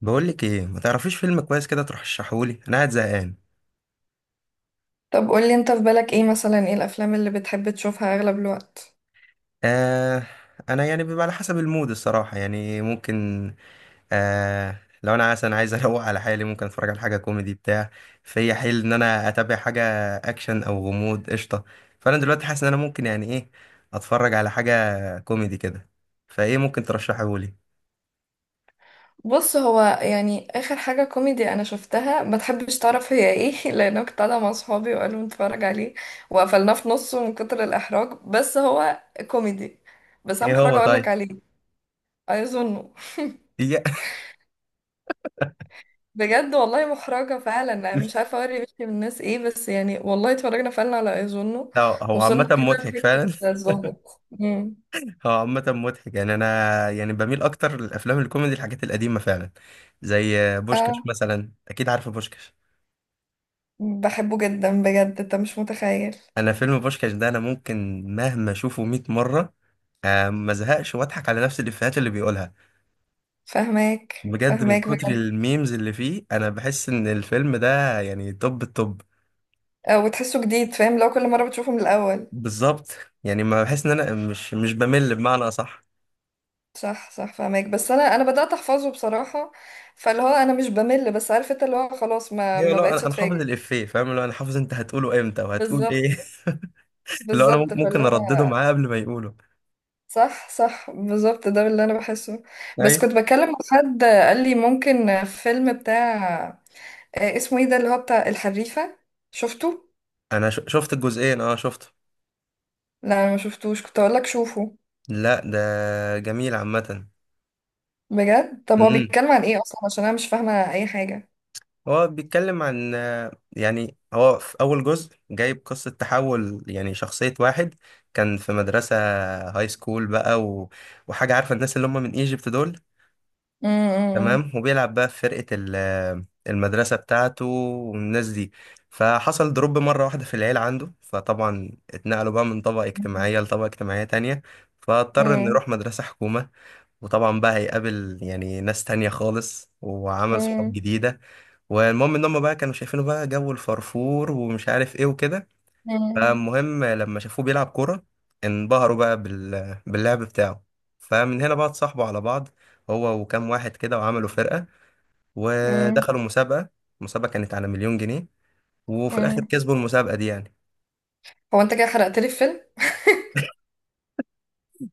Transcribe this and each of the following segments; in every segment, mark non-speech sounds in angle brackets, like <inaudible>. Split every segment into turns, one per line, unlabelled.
بقولك ايه، ما تعرفيش فيلم كويس كده ترشحهولي؟ انا قاعد زهقان.
طب قولي انت، في بالك ايه مثلا؟ ايه الافلام اللي بتحب تشوفها اغلب الوقت؟
آه. انا يعني بيبقى على حسب المود الصراحه، يعني ممكن. آه، لو انا مثلا عايز <laughs> اروق على حالي ممكن اتفرج على حاجه كوميدي بتاع. فيا حيل ان انا اتابع حاجه اكشن او غموض قشطه. فانا دلوقتي حاسس ان انا ممكن يعني ايه اتفرج على حاجه كوميدي كده. فايه ممكن ترشحهولي؟
بص، هو يعني اخر حاجة كوميدي انا شفتها ما تحبش تعرف هي ايه. <laughs> لان أنا كنت قاعدة مع صحابي وقالوا نتفرج عليه، وقفلناه في نصه من كتر الاحراج. بس هو كوميدي، بس انا
ايه، هو
محرجة اقولك
طيب؟
عليه. اظنه.
إيه-
بجد والله محرجة فعلا، انا مش عارفة اوري وشي من الناس ايه، بس يعني والله اتفرجنا فعلا على ايظنه.
<laughs> هو عامه
وصلنا كده
مضحك
لفكرة
فعلا.
الظابط
هو عامة مضحك. يعني أنا يعني بميل أكتر للأفلام الكوميدي، الحاجات القديمة فعلا، زي بوشكاش
اه،
مثلا. أكيد عارفة بوشكاش.
بحبه جدا بجد، انت مش متخيل.
أنا فيلم بوشكاش ده أنا ممكن مهما أشوفه 100 مرة ما زهقش، وأضحك على نفس الإفيهات اللي بيقولها.
فاهماك
بجد من
فاهماك
كتر
بجد.
الميمز اللي فيه أنا بحس إن الفيلم ده يعني توب التوب.
وتحسه جديد، فاهم؟ لو كل مرة بتشوفه من الأول.
بالظبط. يعني ما بحس إن أنا مش بمل، بمعنى أصح.
صح صح، فاهماك. بس أنا بدأت أحفظه بصراحة. فاللي هو أنا مش بمل، بس عارف أنت اللي هو خلاص ما
أيوة،
ما
لا
بقتش
أنا حافظ
أتفاجئ.
الإفيه، فاهم؟ لو أنا حافظ أنت هتقوله إمتى وهتقول
بالظبط،
إيه. <laughs> اللي هو أنا
بالظبط، فاللي
ممكن أردده
هو
معاه قبل ما يقوله.
صح صح بالظبط ده اللي أنا بحسه. بس
ايوه،
كنت بتكلم مع <laughs> حد قال لي ممكن فيلم بتاع، اسمه إيه، ده اللي هو بتاع الحريفة، شفته؟
انا شفت الجزئين. اه شفته.
لا، أنا ما شفتوش، كنت أقول لك شوفه.
لا، ده جميل عامة.
بجد؟ طب هو
امم
بيتكلم عن إيه أصلا عشان أنا مش فاهمة أي حاجة.
هو بيتكلم عن، يعني هو في اول جزء جايب قصة تحول، يعني شخصية واحد كان في مدرسة هاي سكول بقى و... وحاجة. عارفة الناس اللي هم من ايجيبت دول؟
امم.
تمام. وبيلعب بقى في فرقة المدرسة بتاعته والناس دي. فحصل دروب مرة واحدة في العيلة عنده، فطبعا اتنقلوا بقى من طبقة
مم.
اجتماعية لطبقة اجتماعية تانية. فاضطر انه
مم.
يروح مدرسة حكومة. وطبعا بقى هيقابل يعني ناس تانية خالص وعمل صحاب
مم.
جديدة. والمهم ان هم بقى كانوا شايفينه بقى جو الفرفور ومش عارف ايه وكده. فالمهم لما شافوه بيلعب كورة انبهروا بقى باللعب بتاعه. فمن هنا بقى اتصاحبوا على بعض، هو وكام واحد كده، وعملوا فرقة
مم.
ودخلوا مسابقة. المسابقة كانت على مليون جنيه. وفي الاخر
مم.
كسبوا المسابقة دي يعني.
هو انت كده حرقت لي الفيلم.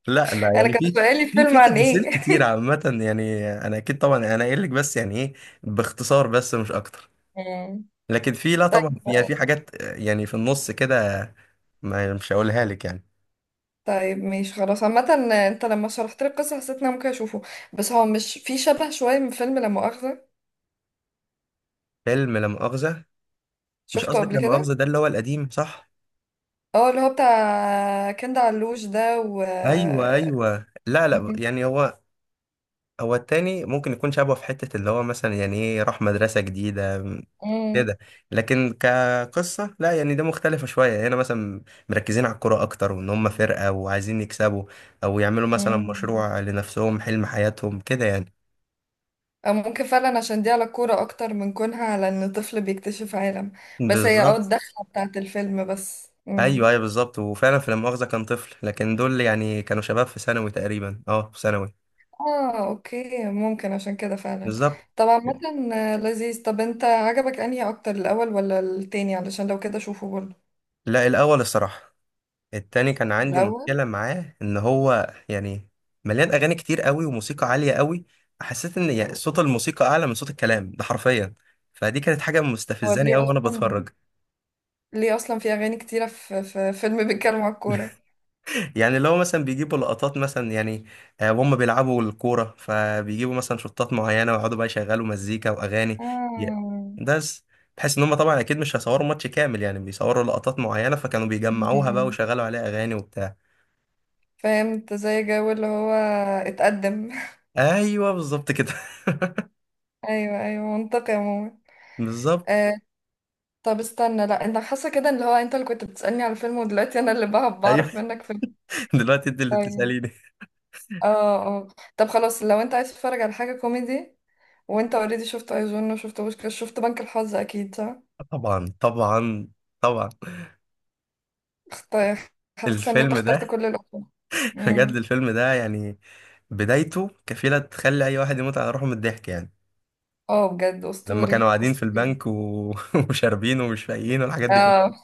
لا لا،
انا
يعني
كان
في
سؤالي
في
الفيلم
في
عن
تفاصيل
ايه؟
كتير
<laughs>
عامة، يعني انا اكيد طبعا انا قايل لك بس يعني ايه، باختصار بس مش اكتر.
مم.
لكن في، لا طبعا
طيب،
في يعني في حاجات يعني في النص كده، ما مش هقولها لك يعني.
طيب ماشي، خلاص عامة. انت لما شرحت لي القصة حسيت ان انا ممكن اشوفه. بس هو مش في شبه شوية من فيلم لا مؤاخذة؟
فيلم لا مؤاخذة؟ مش
شفته
قصدك
قبل
لا مؤاخذة
كده.
ده اللي هو القديم صح؟
اه، اللي هو بتاع كند علوش ده و...
ايوه ايوه، لا لا،
مم.
يعني هو، هو التاني ممكن يكون شبهه في حتة اللي هو مثلا يعني ايه، راح مدرسة جديدة
مم.
كده. لكن كقصة لا، يعني ده مختلفة شوية. هنا مثلا مركزين على الكورة أكتر، وإن هم فرقة وعايزين يكسبوا، أو يعملوا مثلا
مم.
مشروع لنفسهم، حلم حياتهم كده يعني.
او ممكن فعلا عشان دي على الكورة اكتر من كونها على ان طفل بيكتشف عالم. بس هي
بالظبط.
الدخلة بتاعت الفيلم بس.
ايوه
مم.
ايوه بالظبط. وفعلا في لا مؤاخذة كان طفل، لكن دول يعني كانوا شباب في ثانوي تقريبا، اه في ثانوي.
اه، اوكي، ممكن عشان كده فعلا.
بالظبط.
طبعا، مثلا لذيذ. طب انت عجبك انهي اكتر، الاول ولا التاني؟ علشان لو كده شوفه برضه.
لا، الاول الصراحة. التاني كان عندي
الاول.
مشكلة معاه، ان هو يعني مليان اغاني كتير قوي وموسيقى عالية قوي. حسيت ان يعني صوت الموسيقى اعلى من صوت الكلام، ده حرفيا. فدي كانت حاجة
هو
مستفزاني
ليه
قوي وانا
اصلا،
بتفرج.
ليه اصلا في اغاني كتيرة في فيلم بيتكلم على الكورة؟
يعني اللي هو مثلا بيجيبوا لقطات مثلا يعني وهم بيلعبوا الكورة، فبيجيبوا مثلا شطات معينة ويقعدوا بقى يشغلوا مزيكا وأغاني. ي-
آه. <laughs>
بس بحيث إن هم طبعا أكيد مش هيصوروا ماتش كامل، يعني بيصوروا لقطات معينة، فكانوا
م-
بيجمعوها بقى
م.
ويشغلوا عليها أغاني وبتاع.
فهمت زي جو اللي هو اتقدم. <laughs>
أيوه، بالظبط كده. <laughs>
ايوه، ايوه، منطقي عموما.
بالظبط،
آه. طب استنى، لا، انت حاسه كده ان اللي هو انت اللي كنت بتسألني على الفيلم، ودلوقتي انا اللي
أيوه.
بعرف منك فيلم؟
<laughs> دلوقتي أنت اللي
طيب.
بتسأليني.
اه، اه، طب خلاص. لو انت عايز تتفرج على حاجة كوميدي، وانت اوريدي شفت ايجون، وشفت بوشكاش، شفت بنك الحظ، اكيد صح؟
طبعا طبعا طبعا.
اخت- حاسة ان انت
الفيلم
اخترت
ده،
كل الأفلام.
<laughs> بجد
امم.
الفيلم ده يعني بدايته كفيلة تخلي أي واحد يموت على روحه من الضحك يعني.
اه، بجد
لما كانوا
اسطوري
قاعدين في
اسطوري.
البنك و... <laughs> وشاربين ومش فايقين والحاجات دي
اه،
كلها.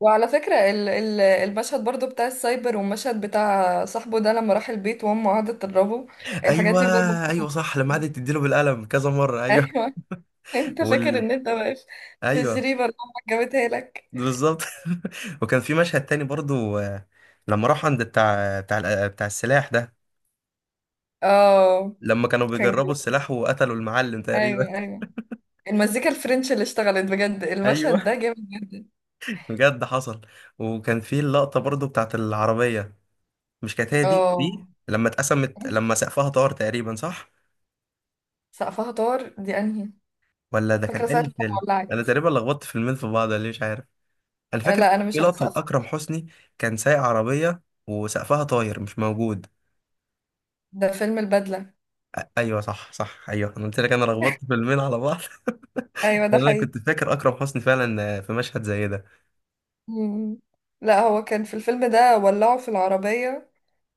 وعلى فكرة ال المشهد برضو بتاع السايبر، والمشهد بتاع صاحبه ده لما راح البيت وامه قعدت تضربه، الحاجات
ايوه،
دي بجد بتفكر
ايوه
فيها.
صح. لما قعدت تديله بالقلم كذا مره. ايوه.
ايوه. <laughs> انت فاكر
وال
ان انت واقف في
ايوه.
الجريمة اللي امك جابتها لك.
بالظبط. <laughs> وكان في مشهد تاني برضو، لما راحوا عند بتاع السلاح ده.
اه،
لما كانوا
كان
بيجربوا
جامد.
السلاح وقتلوا المعلم تقريبا.
ايوه، ايوه، المزيكا الفرنش اللي اشتغلت بجد
<laughs>
المشهد
ايوه
ده جامد جدا.
بجد حصل. وكان في اللقطه برضو بتاعت العربيه. مش كانت هي دي
اه،
دي لما اتقسمت، لما سقفها طار تقريبا، صح؟
سقفها طار، دي انهي؟
ولا ده كان
فاكره ساعه
انهي
لما
فيلم؟ انا
ولعت.
تقريبا لخبطت فيلمين في بعض، ليه مش عارف. انا
آه،
فاكر
لا، انا
كان في
مش عايزة
لقطه
سقف،
لاكرم حسني، كان سايق عربيه وسقفها طاير مش موجود.
ده فيلم البدله.
ايوه صح صح ايوه، انا قلت لك انا لخبطت فيلمين على بعض. <laughs>
ايوه، ده
لأن انا
حقيقي.
كنت فاكر اكرم حسني فعلا في مشهد زي ده.
مم. لا، هو كان في الفيلم ده ولعوا في العربيه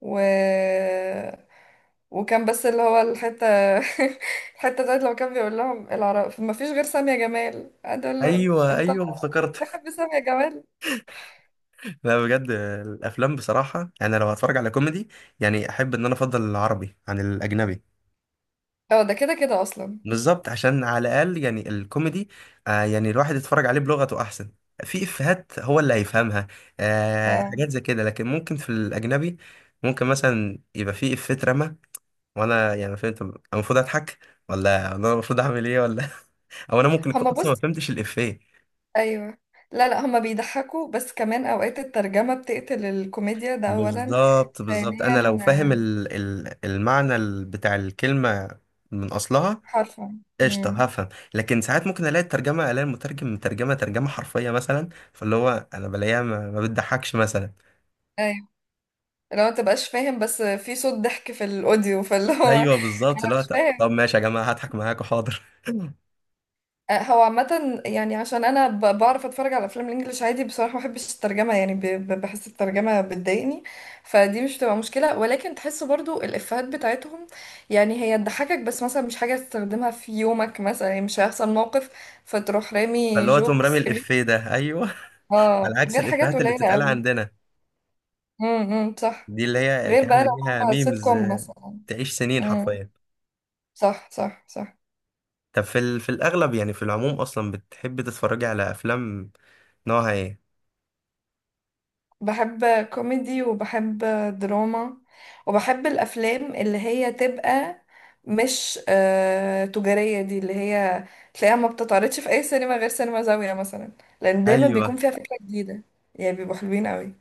و... وكان بس اللي هو الحته، <laughs> الحته بتاعت لما كان بيقول لهم العرب ما فيش غير سامية جمال، قعد يقول له:
ايوه
انت
ايوه افتكرت.
بتحب سامية جمال؟
<laughs> لا بجد الافلام بصراحه، انا لو هتفرج على كوميدي يعني احب ان انا افضل العربي عن الاجنبي.
اه، ده كده كده اصلا.
بالظبط، عشان على الاقل يعني الكوميدي، آه يعني الواحد يتفرج عليه بلغته احسن. في افيهات هو اللي هيفهمها، آه
آه.
حاجات زي كده. لكن ممكن في الاجنبي ممكن مثلا يبقى في افيه اترمى، وانا يعني فهمت، أنا المفروض اضحك ولا انا المفروض اعمل ايه ولا <laughs> او انا ممكن اكون
هما،
اصلا ما
بص،
فهمتش الافيه.
ايوه، لا لا، هما بيضحكوا، بس كمان اوقات الترجمة بتقتل الكوميديا، ده اولا.
بالظبط بالظبط. انا لو
ثانيا،
فاهم المعنى بتاع الكلمه من اصلها
حرفا.
قشطة
امم.
هفهم. لكن ساعات ممكن الاقي الترجمة، الاقي المترجم مترجمة ترجمة حرفية مثلا، فاللي هو انا بلاقيها ما بتضحكش مثلا.
ايوه، لو ما تبقاش فاهم بس في صوت ضحك في الاوديو، فاللي هو
ايوه، بالظبط، اللي
<laughs>
هو
مش
طب
فاهم.
ماشي يا جماعة هضحك معاكوا حاضر.
هو عامة يعني عشان أنا بعرف أتفرج على أفلام الإنجليش عادي، بصراحة ما بحبش الترجمة، يعني بحس الترجمة بتضايقني. فدي مش بتبقى مشكلة، ولكن تحس برضو الإفيهات بتاعتهم، يعني هي تضحكك بس مثلا مش حاجة تستخدمها في يومك، مثلا يعني مش هيحصل موقف فتروح
<laughs>
رامي
فاللي هو تقوم رامي
جوكس، غير...
الافيه ده، ايوه.
اه،
على عكس
غير حاجات
الافيهات اللي
قليلة
بتتقال
قوي.
عندنا،
امم، صح.
دي اللي هي
غير بقى
تعمل
لو
بيها
هو سيت
ميمز،
كوم مثلا.
تعيش سنين
امم.
حرفيا.
صح، صح، صح.
طب في الاغلب يعني في العموم اصلا بتحب تتفرجي على افلام نوعها ايه؟
بحب كوميدي، وبحب دراما، وبحب الافلام اللي هي تبقى مش تجارية، دي اللي هي تلاقيها ما بتتعرضش في اي سينما غير سينما زاوية مثلا، لان دايما بيكون
ايوه.
فيها فكرة جديدة. يعني بيبقوا حلوين قوي.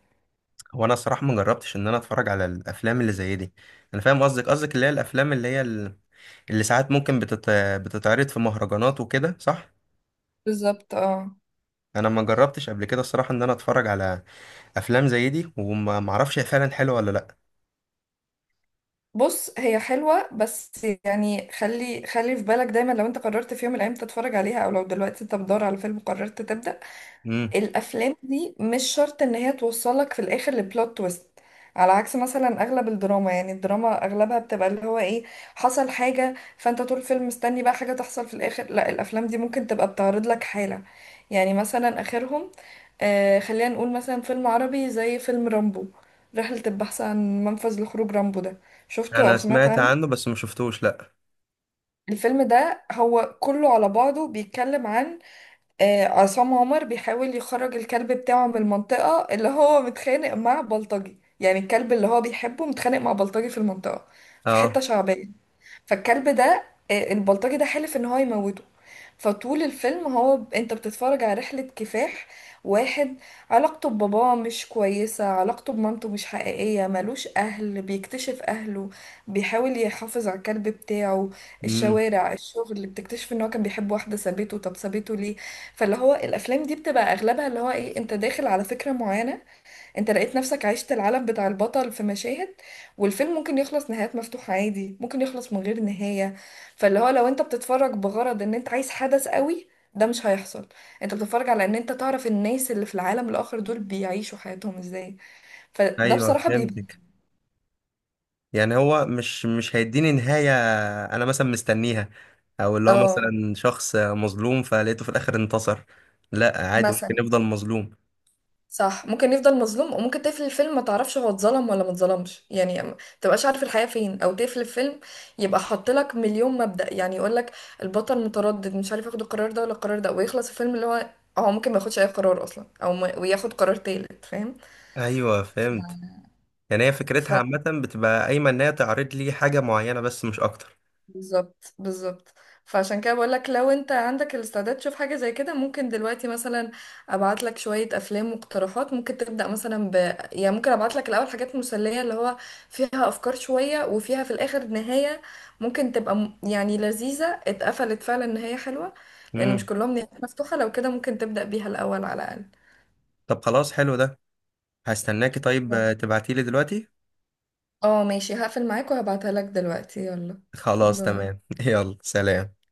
هو انا الصراحه ما جربتش ان انا اتفرج على الافلام اللي زي دي. انا فاهم قصدك، قصدك اللي هي الافلام اللي هي اللي ساعات ممكن بتتعرض في مهرجانات وكده، صح.
بالظبط، اه.
انا ما جربتش قبل كده الصراحه ان انا اتفرج على افلام زي دي، وما ما اعرفش هي فعلا حلوه ولا لا.
بص، هي حلوة، بس يعني خلي خلي في بالك دايما، لو انت قررت في يوم من الايام تتفرج عليها، او لو دلوقتي انت بتدور على فيلم قررت تبدأ.
امم.
الافلام دي مش شرط ان هي توصلك في الاخر لبلوت تويست، على عكس مثلا اغلب الدراما. يعني الدراما اغلبها بتبقى اللي هو ايه، حصل حاجة فانت طول الفيلم مستني بقى حاجة تحصل في الاخر. لا، الافلام دي ممكن تبقى بتعرض لك حالة. يعني مثلا اخرهم، خلينا نقول مثلا فيلم عربي زي فيلم رامبو، رحلة البحث عن منفذ لخروج رامبو ده. شفته او
انا
سمعت
سمعت
عنه؟
عنه بس ما شفتوش، لا.
الفيلم ده هو كله على بعضه بيتكلم عن، عصام عمر بيحاول يخرج الكلب بتاعه من المنطقة اللي هو متخانق مع بلطجي، يعني الكلب اللي هو بيحبه متخانق مع بلطجي في المنطقة، في حتة
اه.
شعبية. فالكلب ده، البلطجي ده حلف ان هو يموته. فطول الفيلم هو انت بتتفرج على رحلة كفاح واحد، علاقته بباباه مش كويسة، علاقته بمامته مش حقيقية، ملوش أهل، بيكتشف أهله، بيحاول يحافظ على الكلب بتاعه،
امم.
الشوارع، الشغل، اللي بتكتشف ان هو كان بيحب واحدة سابته، طب سابته ليه؟ فاللي هو الأفلام دي بتبقى أغلبها اللي هو ايه، انت داخل على فكرة معينة، انت لقيت نفسك عشت العالم بتاع البطل في مشاهد، والفيلم ممكن يخلص نهايات مفتوحة عادي، ممكن يخلص من غير نهاية. فاللي هو لو انت بتتفرج بغرض ان انت عايز حدث قوي، ده مش هيحصل. انت بتتفرج على ان انت تعرف الناس اللي في العالم الاخر دول بيعيشوا حياتهم ازاي. فده
ايوه
بصراحة بيبقى...
فهمتك. يعني هو مش هيديني نهايه انا مثلا مستنيها، او اللي هو
اه،
مثلا شخص مظلوم فلقيته في الاخر انتصر. لا، عادي ممكن
مثلا.
يفضل مظلوم.
صح، ممكن يفضل مظلوم، وممكن تقفل الفيلم ما تعرفش هو اتظلم ولا ما اتظلمش، يعني ما تبقاش عارف الحقيقة فين، او تقفل الفيلم يبقى حاط لك مليون مبدأ، يعني يقول لك البطل متردد مش عارف ياخد القرار ده ولا القرار ده، ويخلص الفيلم اللي هو هو ممكن ما ياخدش اي قرار اصلا، او ما وياخد قرار تالت، فاهم؟
ايوه فهمت. يعني هي
ف...
فكرتها عامة بتبقى قايمة ان هي تعرض لي حاجة معينة بس مش اكتر.
بالظبط، بالظبط. فعشان كده بقول لك، لو انت عندك الاستعداد تشوف حاجه زي كده، ممكن دلوقتي مثلا ابعت لك شويه افلام واقتراحات، ممكن تبدا مثلا ب... يعني ممكن ابعت لك الاول حاجات مسليه اللي هو فيها افكار شويه، وفيها في الاخر نهايه ممكن تبقى يعني لذيذه، اتقفلت فعلا نهايه حلوه. لان مش
امم.
كلهم نهايات مفتوحه، لو كده ممكن تبدا بيها الاول على الاقل.
طب خلاص، حلو ده. هستناكي طيب، تبعتيلي دلوقتي.
اه، ماشي، هقفل معاك وهبعتها لك دلوقتي، يلا.
خلاص
باي.
تمام <laughs> يلا سلام.